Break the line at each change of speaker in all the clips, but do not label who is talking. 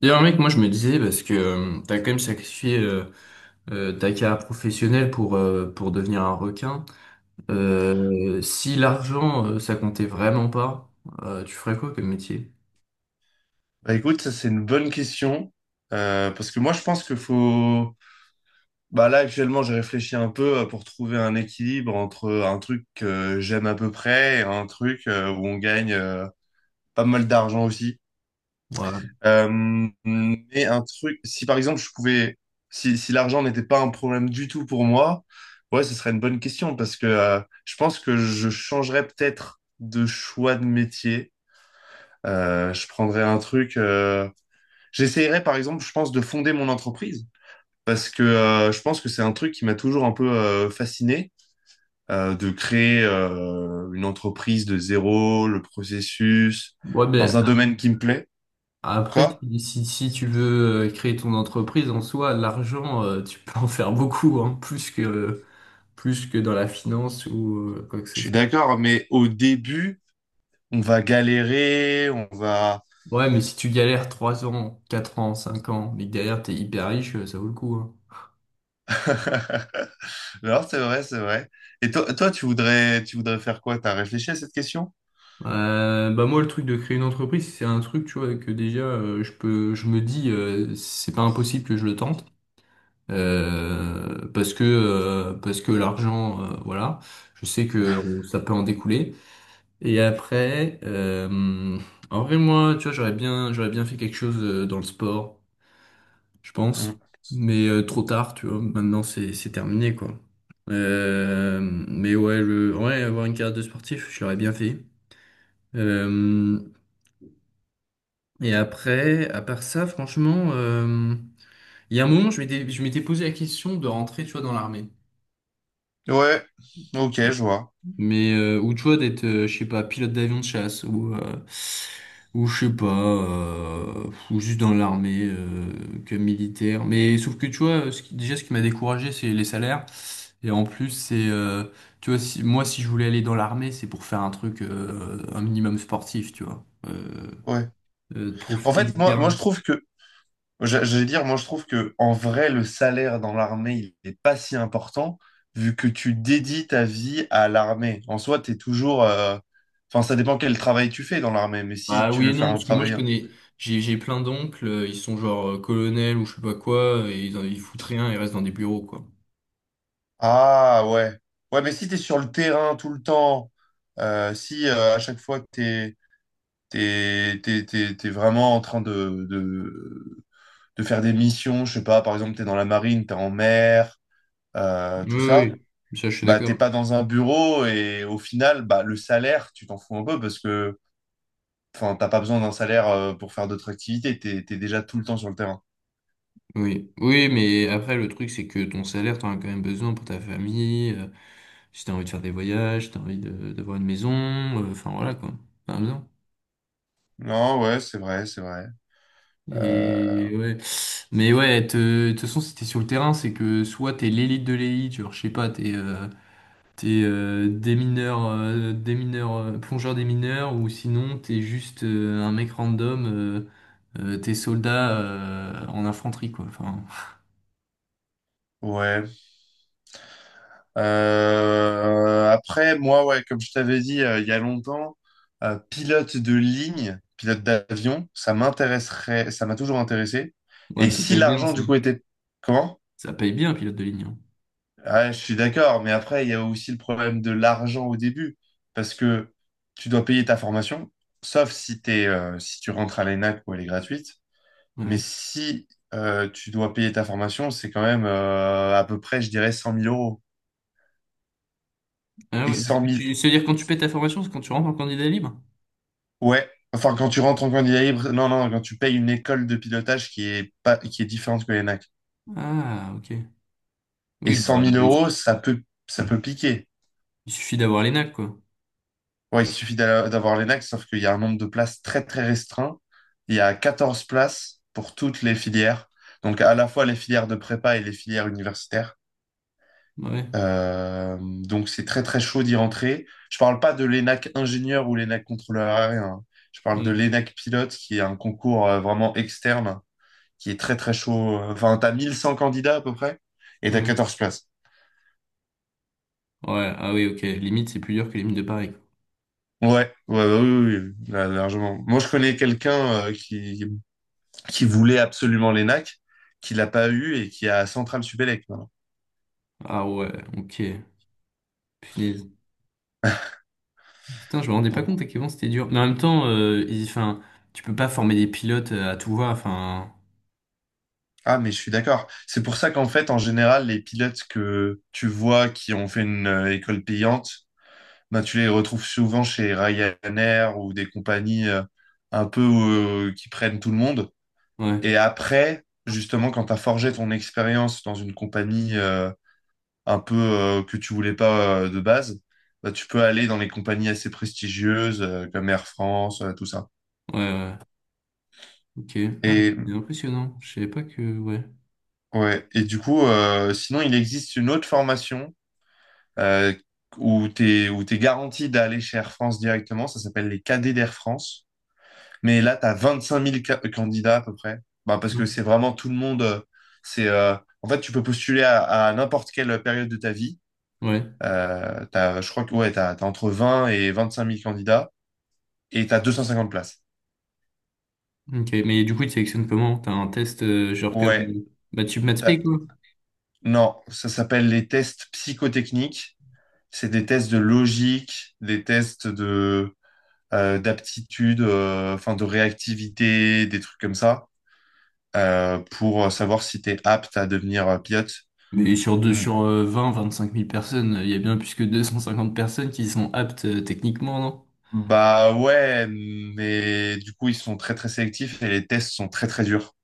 D'ailleurs, mec, moi je me disais, parce que t'as quand même sacrifié ta carrière professionnelle pour devenir un requin, si l'argent ça comptait vraiment pas, tu ferais quoi comme métier?
Bah écoute, ça c'est une bonne question. Parce que moi je pense qu'il faut... Bah là actuellement j'ai réfléchi un peu pour trouver un équilibre entre un truc que j'aime à peu près et un truc où on gagne pas mal d'argent aussi.
Ouais,
Mais un truc, si par exemple je pouvais... Si l'argent n'était pas un problème du tout pour moi, ouais ce serait une bonne question parce que je pense que je changerais peut-être de choix de métier. Je prendrais un truc... J'essayerais, par exemple, je pense, de fonder mon entreprise parce que je pense que c'est un truc qui m'a toujours un peu fasciné, de créer une entreprise de zéro, le processus,
ouais
dans
mais
un
a-
domaine qui me plaît.
après,
Quoi?
si tu veux créer ton entreprise en soi, l'argent, tu peux en faire beaucoup, hein, plus plus que dans la finance ou quoi que
Je
ce
suis
soit.
d'accord, mais au début, on va galérer, on va...
Ouais, mais si tu galères trois ans, 4 ans, 5 ans, mais que derrière t'es hyper riche, ça vaut le coup, hein.
Alors, c'est vrai, c'est vrai. Et toi, toi, tu voudrais faire quoi? T'as réfléchi à cette question?
Bah moi le truc de créer une entreprise c'est un truc tu vois que déjà je me dis c'est pas impossible que je le tente parce que l'argent voilà, je sais que ça peut en découler, et après, en vrai moi tu vois j'aurais bien fait quelque chose dans le sport je pense,
Mm.
mais trop tard tu vois maintenant c'est terminé quoi. Euh, mais ouais, le ouais avoir une carrière de sportif, je l'aurais bien fait. Euh, Et après, à part ça, franchement, il y a un moment, je m'étais posé la question de rentrer, tu vois, dans l'armée.
Ouais, ok, je vois.
Mais, ou tu vois, d'être, je sais pas, pilote d'avion de chasse, ou je sais pas, ou juste dans l'armée, que militaire. Mais sauf que, tu vois, déjà, ce qui m'a découragé, c'est les salaires. Et en plus, tu vois, si, moi, si je voulais aller dans l'armée, c'est pour faire un truc, un minimum sportif, tu vois.
Ouais.
De
En
profiter du
fait, moi, moi, je
terrain.
trouve que. Je vais dire, moi, je trouve que en vrai, le salaire dans l'armée, il n'est pas si important vu que tu dédies ta vie à l'armée. En soi, tu es toujours, enfin, ça dépend quel travail tu fais dans l'armée, mais si
Bah
tu
oui et
veux faire
non,
un
parce que moi je
travail.
connais, j'ai plein d'oncles, ils sont genre colonels ou je sais pas quoi, et ils foutent rien, ils restent dans des bureaux quoi.
Ah ouais. Ouais, mais si tu es sur le terrain tout le temps, si à chaque fois que t'es vraiment en train de faire des missions, je sais pas, par exemple, t'es dans la marine, t'es en mer, tout
Oui,
ça.
oui, ça je suis
Bah,
d'accord.
t'es pas dans un bureau et au final, bah, le salaire, tu t'en fous un peu parce que, enfin, t'as pas besoin d'un salaire pour faire d'autres activités, t'es déjà tout le temps sur le terrain.
Oui, oui, mais après le truc c'est que ton salaire t'en as quand même besoin pour ta famille, si t'as envie de faire des voyages, si t'as d'avoir une maison, enfin voilà quoi, t'en as besoin.
Non, ouais, c'est vrai, c'est vrai. Euh,
Et ouais, mais de toute façon si t'es sur le terrain c'est que soit t'es l'élite de l'élite, genre je sais pas, t'es des mineurs, plongeur des mineurs, ou sinon t'es juste un mec random, t'es soldat en infanterie, quoi. Enfin,
ouais. Après, moi, ouais, comme je t'avais dit il y a longtemps, pilote de ligne, pilote d'avion, ça m'intéresserait, ça m'a toujours intéressé.
ouais,
Et
mais ça
si
paye bien,
l'argent,
ça.
du coup, était... Comment?
Ça paye bien, pilote de ligne, hein.
Ah, je suis d'accord, mais après, il y a aussi le problème de l'argent au début, parce que tu dois payer ta formation, sauf si t'es, si tu rentres à l'ENAC où elle est gratuite. Mais
Ouais.
si, tu dois payer ta formation, c'est quand même, à peu près, je dirais, 100 000 euros.
Ah
Et
ouais, mais
100 000,
c'est-à-dire quand tu paies ta formation, c'est quand tu rentres en candidat libre?
ouais. Enfin, quand tu rentres en candidat libre, non, non, quand tu payes une école de pilotage qui est pas, qui est différente que l'ENAC.
Ah, ok.
Et
Oui,
100 000 euros, ça peut piquer.
il suffit d'avoir l'ENAC, quoi.
Ouais, il suffit d'avoir l'ENAC, sauf qu'il y a un nombre de places très très restreint. Il y a 14 places pour toutes les filières, donc à la fois les filières de prépa et les filières universitaires.
Ouais,
Donc c'est très très chaud d'y rentrer. Je parle pas de l'ENAC ingénieur ou l'ENAC contrôleur aérien, hein. Je parle de
ouais,
l'ENAC pilote qui est un concours vraiment externe qui est très très chaud. Enfin, t'as 1 100 candidats à peu près et t'as
ouais.
14 places.
Ouais, ah oui, ok. Limite, c'est plus dur que les mines de Paris, quoi.
Ouais, ouais, ouais, oui, oui, oui, là, largement. Moi, je connais quelqu'un euh, qui qui voulait absolument l'ENAC, qui l'a pas eu et qui a Central Supélec maintenant.
Ah ouais, ok. Putain, je me rendais pas
Donc,
compte à quel point c'était dur. Mais en même temps, enfin, tu peux pas former des pilotes à tout va. Enfin,
ah, mais je suis d'accord. C'est pour ça qu'en fait, en général, les pilotes que tu vois qui ont fait une école payante, ben, tu les retrouves souvent chez Ryanair ou des compagnies un peu qui prennent tout le monde. Et
ouais,
après, justement, quand tu as forgé ton expérience dans une compagnie un peu que tu voulais pas de base, bah, tu peux aller dans les compagnies assez prestigieuses comme Air France, tout ça.
ouais, ouais. Ok. Ah, bah,
Et
c'est impressionnant. Je savais pas que. Ouais.
ouais, et du coup, sinon, il existe une autre formation euh, où t'es garanti d'aller chez Air France directement. Ça s'appelle les cadets d'Air France. Mais là, t'as 25 000 candidats à peu près. Bah, parce que
Non.
c'est vraiment tout le monde. C'est, euh, en fait, tu peux postuler à n'importe quelle période de ta vie.
Ouais.
T'as, je crois que ouais, t'as entre 20 000 et 25 000 candidats et t'as 250 places.
Ok. Mais du coup, ils te sélectionnent comment? T'as un test genre comme
Ouais,
bah, tu maths spé,
t'as-
quoi.
non, ça s'appelle les tests psychotechniques. C'est des tests de logique, des tests de d'aptitude, enfin de réactivité, des trucs comme ça, pour savoir si t'es apte à devenir pilote.
Mais
Mm.
sur vingt, vingt-cinq mille personnes, il y a bien plus que 250 personnes qui sont aptes techniquement, non?
Bah ouais, mais du coup ils sont très très sélectifs et les tests sont très très durs.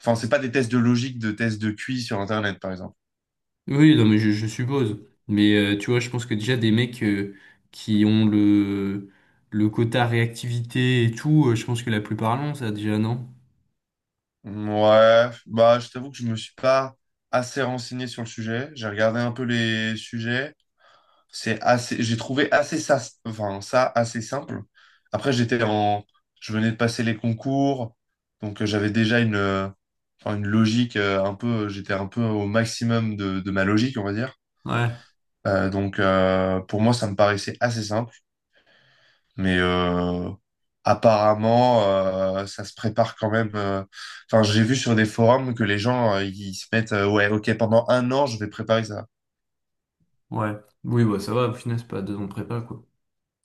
Enfin c'est pas des tests de logique, de tests de QI sur Internet par exemple.
Oui, non, mais je suppose. Mais tu vois, je pense que déjà des mecs qui ont le quota réactivité et tout, je pense que la plupart l'ont, ça déjà, non?
Ouais, bah je t'avoue que je me suis pas assez renseigné sur le sujet. J'ai regardé un peu les sujets. C'est assez, j'ai trouvé assez ça, enfin, ça assez simple. Après, j'étais en, je venais de passer les concours, donc j'avais déjà une, enfin, une logique un peu, j'étais un peu au maximum de ma logique, on va dire.
Ouais,
Pour moi, ça me paraissait assez simple, mais apparemment, ça se prépare quand même. Enfin, j'ai vu sur des forums que les gens, ils se mettent, ouais, ok, pendant un an, je vais préparer ça.
ouais. Oui, bah ça va, au final, c'est pas deux ans de prépa, quoi.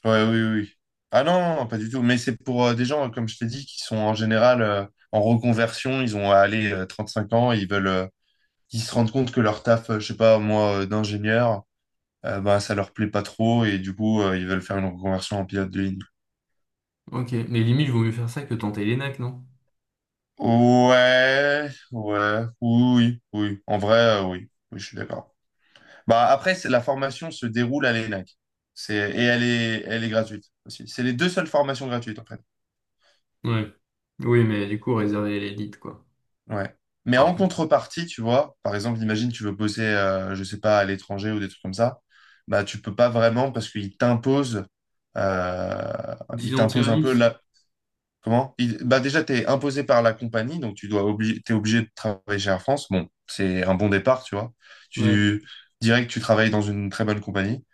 Ouais, oui, oui. Oui. Ah non, non, non, pas du tout. Mais c'est pour des gens, comme je t'ai dit, qui sont en général en reconversion. Ils ont à aller 5 ans et ils veulent, ils se rendent compte que leur taf, je sais pas, moi, d'ingénieur, bah, ça leur plaît pas trop et du coup, ils veulent faire une reconversion en pilote de ligne.
Ok, mais limite, vaut mieux faire ça que tenter l'ENAC, non?
Ouais, ouais, oui, oui. Oui. En vrai, oui. Oui, je suis d'accord. Bah, après, la formation se déroule à l'ENAC. Et elle est gratuite aussi. C'est les deux seules formations gratuites, en.
Ouais. Oui, mais du coup, réservé à l'élite, quoi.
Ouais. Mais
Ah.
en contrepartie, tu vois, par exemple, imagine tu veux bosser, je sais pas, à l'étranger ou des trucs comme ça, bah tu peux pas vraiment parce qu'euh,
dix
ils
ans de
t'imposent un peu
service?
là. Comment? Bah déjà, t'es imposé par la compagnie, donc tu dois t'es obligé de travailler chez Air France. Bon, c'est un bon départ, tu vois.
Ouais.
Tu, direct, tu travailles dans une très bonne compagnie.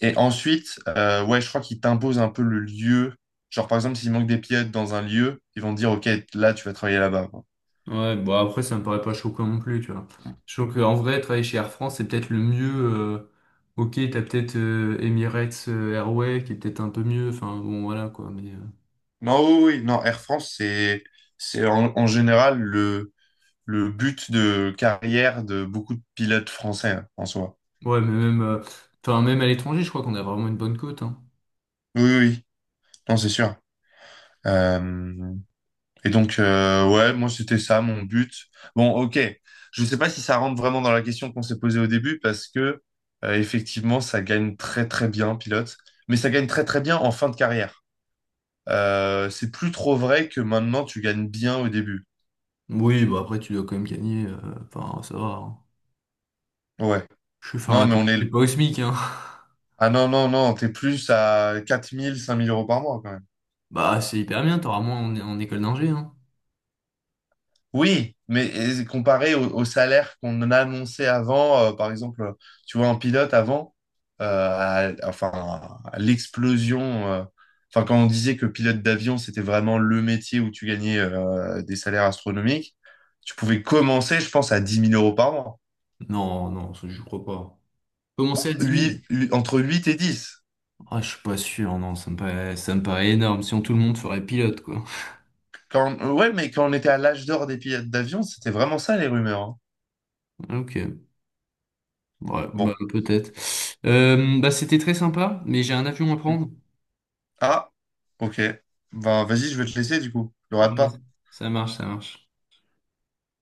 Et ensuite, ouais, je crois qu'ils t'imposent un peu le lieu. Genre, par exemple, s'il manque des pilotes dans un lieu, ils vont te dire, OK, là, tu vas travailler là-bas, quoi.
Ouais, bon après ça me paraît pas choquant non plus, tu vois. Je trouve qu'en vrai, travailler chez Air France, c'est peut-être le mieux. Ok, t'as peut-être Emirates Airway qui est peut-être un peu mieux, enfin bon voilà quoi, mais
Non, oui, oui, non, Air France, c'est en général le but de carrière de beaucoup de pilotes français, hein, en soi.
ouais, mais même enfin même à l'étranger, je crois qu'on a vraiment une bonne cote, hein.
Oui, oui, oui. Non, c'est sûr. Euh, et donc, ouais, moi, c'était ça mon but. Bon, ok. Je ne sais pas si ça rentre vraiment dans la question qu'on s'est posée au début parce que, effectivement, ça gagne très, très bien, pilote. Mais ça gagne très, très bien en fin de carrière. C'est plus trop vrai que maintenant, tu gagnes bien au début.
Oui, bah après tu dois quand même gagner, enfin ça va, hein.
Ouais.
Je suis
Non,
enfin
mais on
t'es
est.
pas au SMIC, hein.
Ah non, non, non, t'es plus à quatre mille cinq mille euros par mois quand même.
Bah c'est hyper bien, t'auras moins en école d'ingé, hein.
Oui, mais et comparé au salaire qu'on annonçait avant, par exemple, tu vois, un pilote avant, enfin, à l'explosion, euh, enfin, quand on disait que pilote d'avion, c'était vraiment le métier où tu gagnais des salaires astronomiques, tu pouvais commencer, je pense, à 10 000 euros par mois.
Non, non, ça, je crois pas.
Bah,
Commencer à dix mille.
entre 8 et 10.
Ah, je suis pas sûr, non, ça me paraît énorme. Sinon tout le monde ferait pilote, quoi.
Quand, ouais, mais quand on était à l'âge d'or des pilotes d'avion, c'était vraiment ça les rumeurs, hein.
Ok, ouais, bah,
Bon.
peut-être. Bah, c'était très sympa, mais j'ai un avion à prendre.
Ah, ok. Ben, vas-y, je vais te laisser du coup. Ne rate
Ouais,
pas.
ça marche, ça marche.